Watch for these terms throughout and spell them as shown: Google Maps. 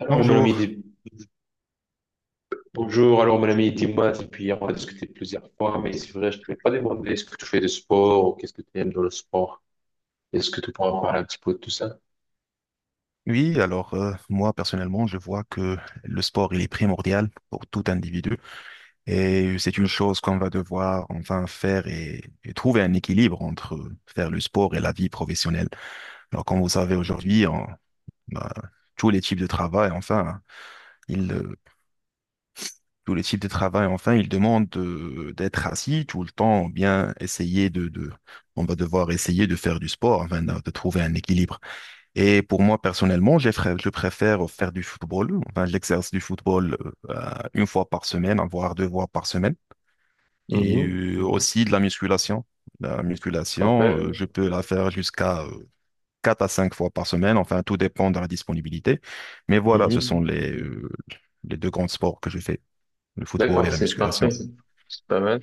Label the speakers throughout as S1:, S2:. S1: Alors, mon ami,
S2: Bonjour.
S1: bonjour. Alors, mon ami, dis-moi, depuis hier, on a discuté plusieurs fois, mais c'est vrai, je ne t'ai pas demandé est-ce que tu fais du sport ou qu'est-ce que tu aimes dans le sport. Est-ce que tu pourras parler un petit peu de tout ça?
S2: Oui, alors moi personnellement, je vois que le sport, il est primordial pour tout individu et c'est une chose qu'on va devoir enfin faire et trouver un équilibre entre faire le sport et la vie professionnelle. Alors, comme vous savez aujourd'hui, bah, tous les types de travail, enfin, ils, euh, tous les types de travail, enfin, ils demandent d'être assis tout le temps ou bien essayer on va devoir essayer de faire du sport, enfin, de trouver un équilibre. Et pour moi, personnellement, je préfère faire du football. Enfin, j'exerce du football une fois par semaine, voire deux fois par semaine. Et
S1: Mhm.
S2: mhm, aussi de la musculation. La musculation,
S1: Parfait.
S2: je peux la faire jusqu'à quatre à cinq fois par semaine. Enfin, tout dépend de la disponibilité. Mais voilà, ce sont
S1: Mhm.
S2: les deux grands sports que je fais, le football et
S1: D'accord,
S2: la
S1: c'est
S2: musculation.
S1: parfait. C'est pas mal.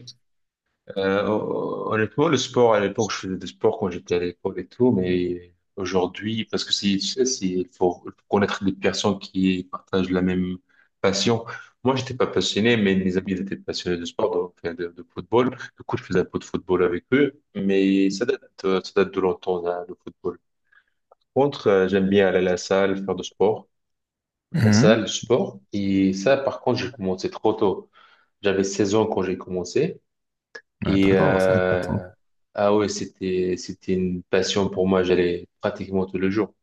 S1: Honnêtement, le sport, à l'époque, je faisais du sport quand j'étais à l'école et tout, mais aujourd'hui, parce que c'est, tu sais, c'est, il faut connaître des personnes qui partagent la même passion. Moi, j'étais pas passionné, mais mes amis ils étaient passionnés de sport, donc, enfin, de football. Du coup, je faisais un peu de football avec eux, mais ça date de longtemps, hein, le football. Par contre, j'aime bien aller à la salle, faire du sport. La
S2: Mhm.
S1: salle, le sport. Et ça, par contre, j'ai commencé trop tôt. J'avais 16 ans quand j'ai commencé.
S2: Ah,
S1: Et
S2: d'accord, c'est intéressant.
S1: euh, ah ouais, c'était une passion pour moi. J'allais pratiquement tous les jours.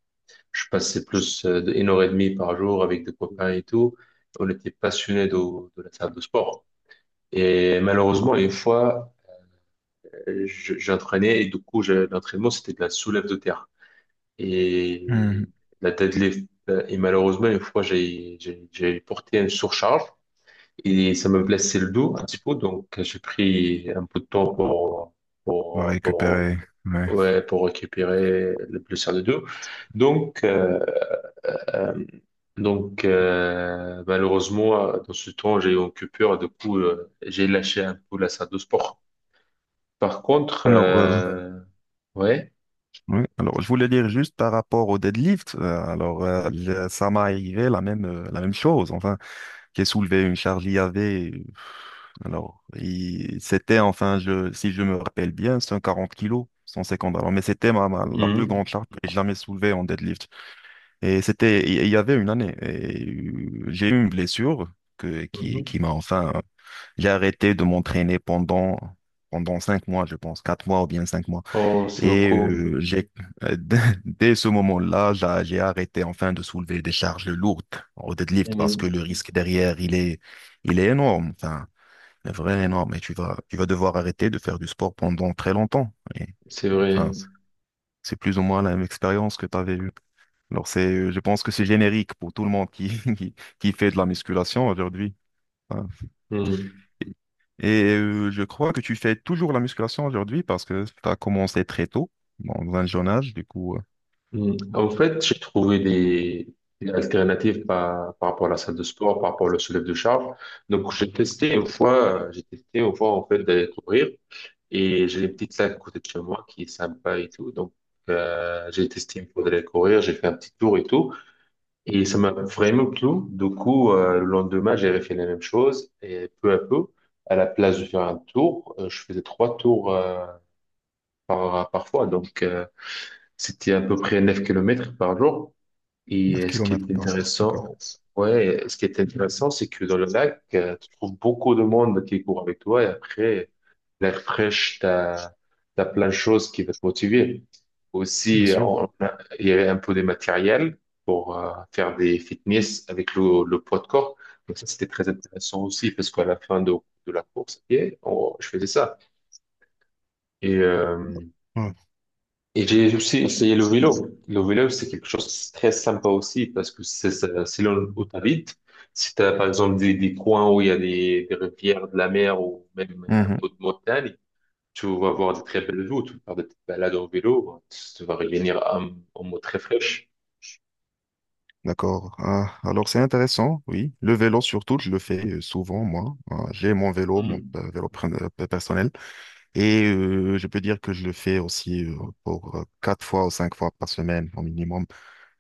S1: Je passais plus de 1 h 30 par jour avec des copains et tout. On était passionnés de la salle de sport. Et malheureusement, une fois, j'entraînais et du coup, l'entraînement, c'était de la soulève de terre
S2: Mhm.
S1: et
S2: Mhm.
S1: la deadlift. Et malheureusement, une fois, j'ai porté une surcharge et ça me blessait le dos un petit peu. Donc, j'ai pris un peu de temps pour
S2: On va
S1: pour, pour
S2: récupérer. Ouais.
S1: ouais, pour récupérer le plus co deux. Donc, euh, euh, donc, malheureusement, dans ce temps, j'ai eu une coupure. Du coup, j'ai lâché un peu la salle de sport. Par contre,
S2: Alors,
S1: ouais.
S2: oui, alors je voulais dire juste par rapport au deadlift, alors ça m'est arrivé la même chose. Enfin, j'ai soulevé une charge IAV. euh, Alors, c'était, enfin, je si je me rappelle bien, 140 kilos, 150. Alors, mais c'était la plus grande
S1: Mhm.
S2: charge que j'ai jamais soulevée en deadlift. Et c'était il y avait une année. Et j'ai eu une blessure que
S1: Mhm.
S2: qui m'a, enfin, j'ai arrêté de m'entraîner pendant 5 mois, je pense 4 mois ou bien 5 mois.
S1: Oh, c'est
S2: Et
S1: beaucoup.
S2: dès dès ce moment-là, j'ai arrêté, enfin, de soulever des charges lourdes au deadlift parce que
S1: Mhm.
S2: le risque derrière, il est énorme, enfin, il est vraiment énorme. Et tu vas devoir arrêter de faire du sport pendant très longtemps. Et,
S1: C'est
S2: enfin,
S1: vrai.
S2: c'est plus ou moins la même expérience que tu avais eue. Alors, je pense que c'est générique pour tout le monde qui, qui fait de la musculation aujourd'hui. Enfin,
S1: Mhm.
S2: et je crois que tu fais toujours la musculation aujourd'hui parce que tu as commencé très tôt, dans un jeune âge, du coup.
S1: Mhm. En fait, j'ai trouvé des alternatives par rapport à la salle de sport, par rapport au soulève de charge. Donc, j'ai testé une fois, en fait, d'aller courir. Et j'ai une petite lac à côté de chez moi qui est sympa et tout. Donc, j'ai testé, il me faudrait courir, j'ai fait un petit tour et tout. Et ça m'a vraiment plu. Du coup, le lendemain, j'ai refait la même chose. Et peu à peu, à la place de faire un tour, je faisais trois tours par fois. Donc, c'était à peu près 9 km par jour.
S2: Neuf
S1: Ce qui est
S2: kilomètres par jour, d'accord,
S1: intéressant, ouais, ce qui est intéressant, c'est que dans le lac, tu trouves beaucoup de monde qui court avec toi et après, l'air fraîche, t'as, t'as plein de choses qui vont te motiver.
S2: bien
S1: Aussi,
S2: sûr.
S1: il y avait un peu de matériel pour faire des fitness avec le poids de corps. Donc ça, c'était très intéressant aussi parce qu'à la fin de la course, à pied, je faisais ça. Et euh,
S2: Ouais.
S1: et j'ai aussi essayé le vélo. Le vélo, c'est quelque chose de très sympa aussi parce que c'est selon où tu habites, si tu as par exemple des coins où il y a des rivières, de la mer ou même un
S2: Mhm.
S1: peu de montagne, tu vas voir des très belles vues, tu vas faire des petites balades en vélo, tu vas revenir en mode très fraîche.
S2: D'accord. Ah, alors c'est intéressant, oui. Le vélo surtout, je le fais souvent, moi. Ah, j'ai mon vélo, mon,
S1: Hmm.
S2: vélo personnel. Et je peux dire que je le fais aussi pour quatre fois ou cinq fois par semaine au minimum.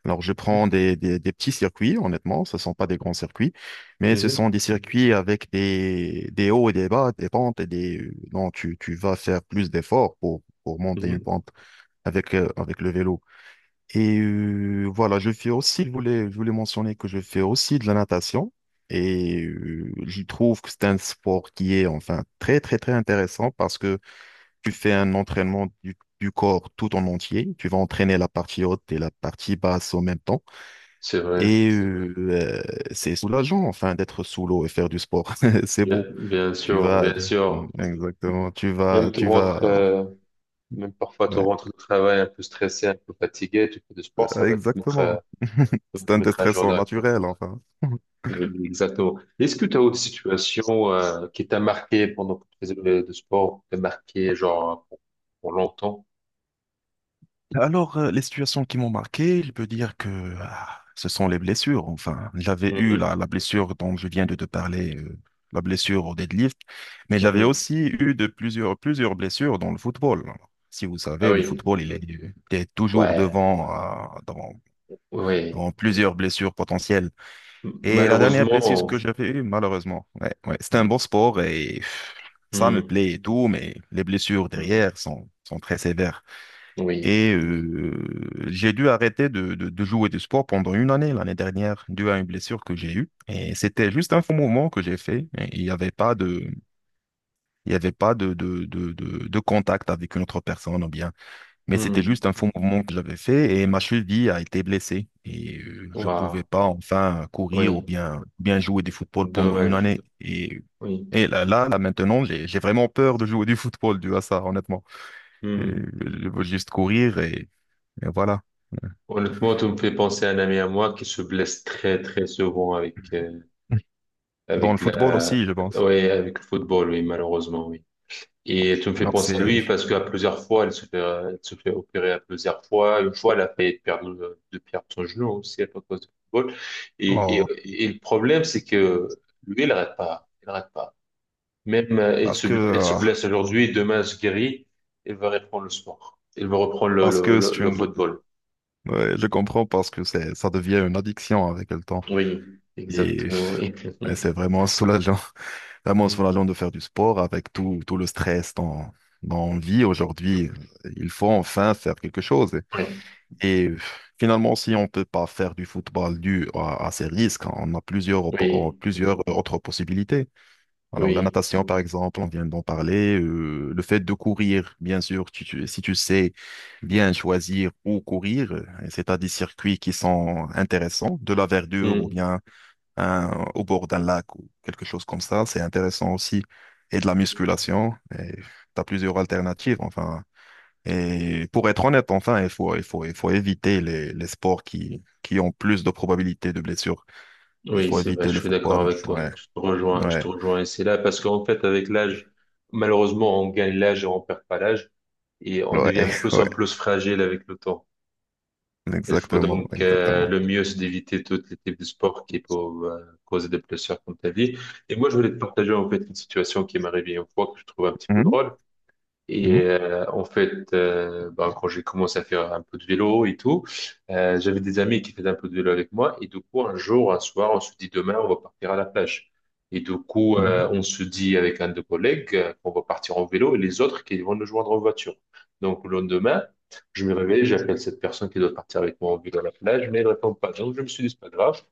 S2: Alors, je prends des petits circuits, honnêtement, ce ne sont pas des grands circuits, mais ce sont
S1: Mhm,
S2: des circuits avec des hauts et des bas, des pentes non, tu vas faire plus d'efforts pour monter une
S1: mhm.
S2: pente avec le vélo. Et voilà, je fais aussi, je voulais mentionner que je fais aussi de la natation. Et je trouve que c'est un sport qui est, enfin, très, très, très intéressant parce que tu fais un entraînement du corps tout en entier. Tu vas entraîner la partie haute et la partie basse en même temps.
S1: C'est vrai,
S2: Et euh, c'est soulageant, enfin, d'être sous l'eau et faire du sport. C'est beau.
S1: bien
S2: Tu
S1: sûr,
S2: vas,
S1: bien sûr.
S2: exactement,
S1: Même tu
S2: tu vas,
S1: rentres, euh, même parfois tu
S2: ouais,
S1: rentres du travail un peu stressé, un peu fatigué, tu fais du sport,
S2: exactement.
S1: ça va
S2: C'est un
S1: te mettre à jour
S2: déstressant
S1: directement.
S2: naturel, enfin.
S1: Oui, exactement. Est-ce que tu as autre situation qui t'a marqué pendant que tu faisais de sport, qui t'a marqué genre pour, longtemps?
S2: Alors, les situations qui m'ont marqué, je peux dire que, ah, ce sont les blessures. Enfin, j'avais eu
S1: Mhm.
S2: la blessure dont je viens de te parler, la blessure au deadlift, mais j'avais
S1: Mhm.
S2: aussi eu de plusieurs blessures dans le football. Si vous
S1: Ah
S2: savez, le
S1: oui,
S2: football, il est toujours
S1: ouais,
S2: devant, euh, dans,
S1: ouais.
S2: dans plusieurs blessures potentielles. Et la dernière blessure que
S1: Malheureusement,
S2: j'avais eue, malheureusement, ouais, ouais, c'était un bon
S1: Mhm.
S2: sport et pff, ça me plaît et tout, mais les blessures
S1: Mhm.
S2: derrière sont très sévères.
S1: Oui,
S2: Et j'ai dû arrêter de jouer du sport pendant une année l'année dernière, dû à une blessure que j'ai eue. Et c'était juste un faux mouvement que j'ai fait. Et il y avait pas de contact avec une autre personne ou bien. Mais c'était
S1: Mhm.
S2: juste un faux mouvement que j'avais fait et ma cheville a été blessée. Et je pouvais
S1: Waouh.
S2: pas, enfin, courir ou
S1: Oui,
S2: bien jouer du football pendant une
S1: dommage,
S2: année. Et,
S1: oui.
S2: là, maintenant, j'ai vraiment peur de jouer du football dû à ça, honnêtement. Et
S1: Mhm.
S2: je veux juste courir et voilà.
S1: Honnêtement, tu me fais penser à un ami à moi qui se blesse très très souvent avec
S2: Dans le
S1: avec
S2: football
S1: la,
S2: aussi, je pense.
S1: ouais, avec le football, oui, malheureusement, oui. Et tu me fais
S2: Alors
S1: penser à
S2: c'est
S1: lui parce qu'à plusieurs fois, elle se fait opérer à plusieurs fois. Une fois, elle a failli perdre son genou aussi à cause du football. Et,
S2: oh,
S1: et, et le problème, c'est que lui, il n'arrête pas. Il n'arrête pas. Même,
S2: parce que
S1: elle se
S2: euh,
S1: blesse aujourd'hui, demain, elle se guérit. Elle va reprendre le sport. Elle va reprendre le,
S2: parce
S1: le,
S2: que
S1: le,
S2: c'est
S1: le
S2: une
S1: football.
S2: ouais, je comprends, parce que c'est ça devient une addiction avec le temps
S1: Oui,
S2: et,
S1: exactement. Oui,
S2: et c'est vraiment soulageant, vraiment
S1: Mm.
S2: soulageant de faire du sport avec tout le stress dans vie aujourd'hui. Il faut, enfin, faire quelque chose
S1: Oui,
S2: et, finalement, si on peut pas faire du football dû à ces risques, on a
S1: oui.
S2: plusieurs autres possibilités. Alors, la
S1: Oui.
S2: natation, par exemple, on vient d'en parler. Le fait de courir, bien sûr, si tu sais bien choisir où courir, c'est à des circuits qui sont intéressants, de la verdure ou
S1: Mm.
S2: bien au bord d'un lac ou quelque chose comme ça, c'est intéressant aussi. Et de la musculation, tu as plusieurs alternatives, enfin. Et pour être honnête, enfin, il faut éviter les sports qui ont plus de probabilités de blessures. Il
S1: Oui,
S2: faut
S1: c'est vrai,
S2: éviter
S1: je
S2: le
S1: suis d'accord
S2: football.
S1: avec toi.
S2: Ouais,
S1: Je te rejoins, je te
S2: ouais,
S1: rejoins. Et c'est là parce qu'en fait, avec l'âge, malheureusement, on gagne l'âge et on perd pas l'âge et on
S2: ouais,
S1: devient plus en
S2: ouais.
S1: plus fragile avec le temps. Il faut
S2: Exactement,
S1: donc
S2: exactement.
S1: le mieux, c'est d'éviter tous les types de sports qui peuvent causer des blessures comme ta vie. Et moi, je voulais te partager en fait une situation qui m'est arrivée une fois que je trouve un petit peu
S2: Mhm,
S1: drôle. Et
S2: mhm,
S1: en fait, bah, quand j'ai commencé à faire un peu de vélo et tout, j'avais des amis qui faisaient un peu de vélo avec moi. Et du coup, un jour, un soir, on se dit demain, on va partir à la plage. Et du coup,
S2: mhm.
S1: on se dit avec un de nos collègues qu'on va partir en vélo et les autres qui vont nous joindre en voiture. Donc, le lendemain, je me réveille, j'appelle cette personne qui doit partir avec moi en vélo à la plage, mais elle ne répond pas. Donc, je me suis dit, c'est pas grave.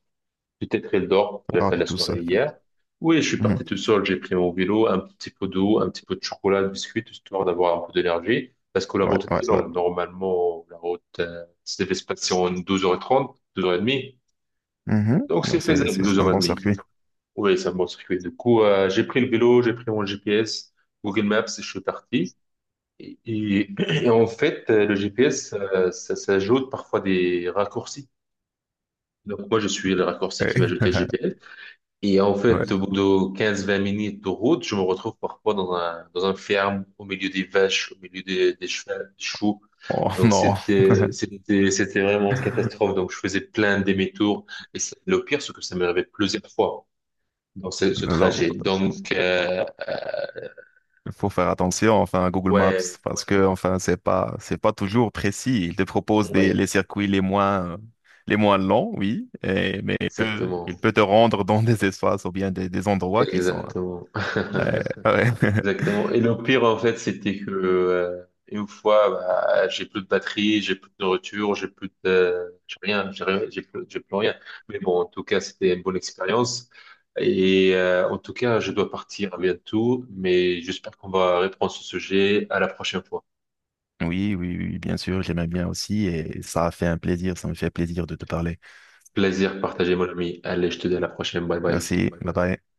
S1: Peut-être elle dort de
S2: Ça
S1: la
S2: part
S1: fin
S2: du
S1: de
S2: d'accord,
S1: la
S2: tout c'est seul.
S1: soirée
S2: La famille.
S1: hier. Oui, je suis
S2: Mhm.
S1: parti tout seul, j'ai pris mon vélo, un petit peu d'eau, un petit peu de chocolat, de biscuits, histoire d'avoir un peu d'énergie. Parce que la
S2: Ouais,
S1: route
S2: ouais,
S1: était
S2: ouais. Alors,
S1: longue. Normalement, la route, se devait se passer en 12h30, 12h30.
S2: mhm.
S1: Donc,
S2: Non,
S1: c'est
S2: C'est,
S1: faisable,
S2: c'est c'est un bon circuit.
S1: 12h30. Oui, ça me circuit. Du coup, j'ai pris le vélo, j'ai pris mon GPS, Google Maps, et je suis parti. Et, et- et en fait, le GPS, ça, ça ajoute parfois des raccourcis. Donc, moi, je suis le raccourci qui m'a
S2: Eh,
S1: jeté le GPS. Et en
S2: ouais.
S1: fait, au bout
S2: Meilleur.
S1: de quinze-vingt minutes de route, je me retrouve parfois dans un ferme, au milieu des vaches, au milieu des chevaux, des chevaux.
S2: Oh
S1: Donc,
S2: non.
S1: c'était vraiment une catastrophe. Donc, je faisais plein de demi-tours. Et le pire, c'est que ça m'est arrivé plusieurs fois dans ce
S2: Non, non.
S1: trajet. Donc,
S2: Il faut faire attention, enfin, à Google Maps,
S1: ouais,
S2: parce, ouais, que, enfin, c'est pas toujours précis. Il te propose les
S1: oui,
S2: circuits les moins longs, oui, mais il
S1: exactement.
S2: peut te rendre dans des espaces ou bien des endroits qui sont,
S1: Exactement.
S2: ouais, ouais.
S1: Exactement. Et le pire, en fait, c'était que une fois, bah, j'ai plus de batterie, j'ai plus de nourriture, J'ai rien, j'ai rien, j'ai plus rien. Mais bon, en tout cas, c'était une bonne expérience. Et en tout cas, je dois partir bientôt, mais j'espère qu'on va reprendre ce sujet à la prochaine fois.
S2: Oui, oui, oui, bien sûr, j'aimais bien aussi et ça a fait un plaisir, ça me fait plaisir de te parler.
S1: Plaisir partagé, mon ami. Allez, je te dis à la prochaine. Bye bye.
S2: Merci. Ouais. Bye bye.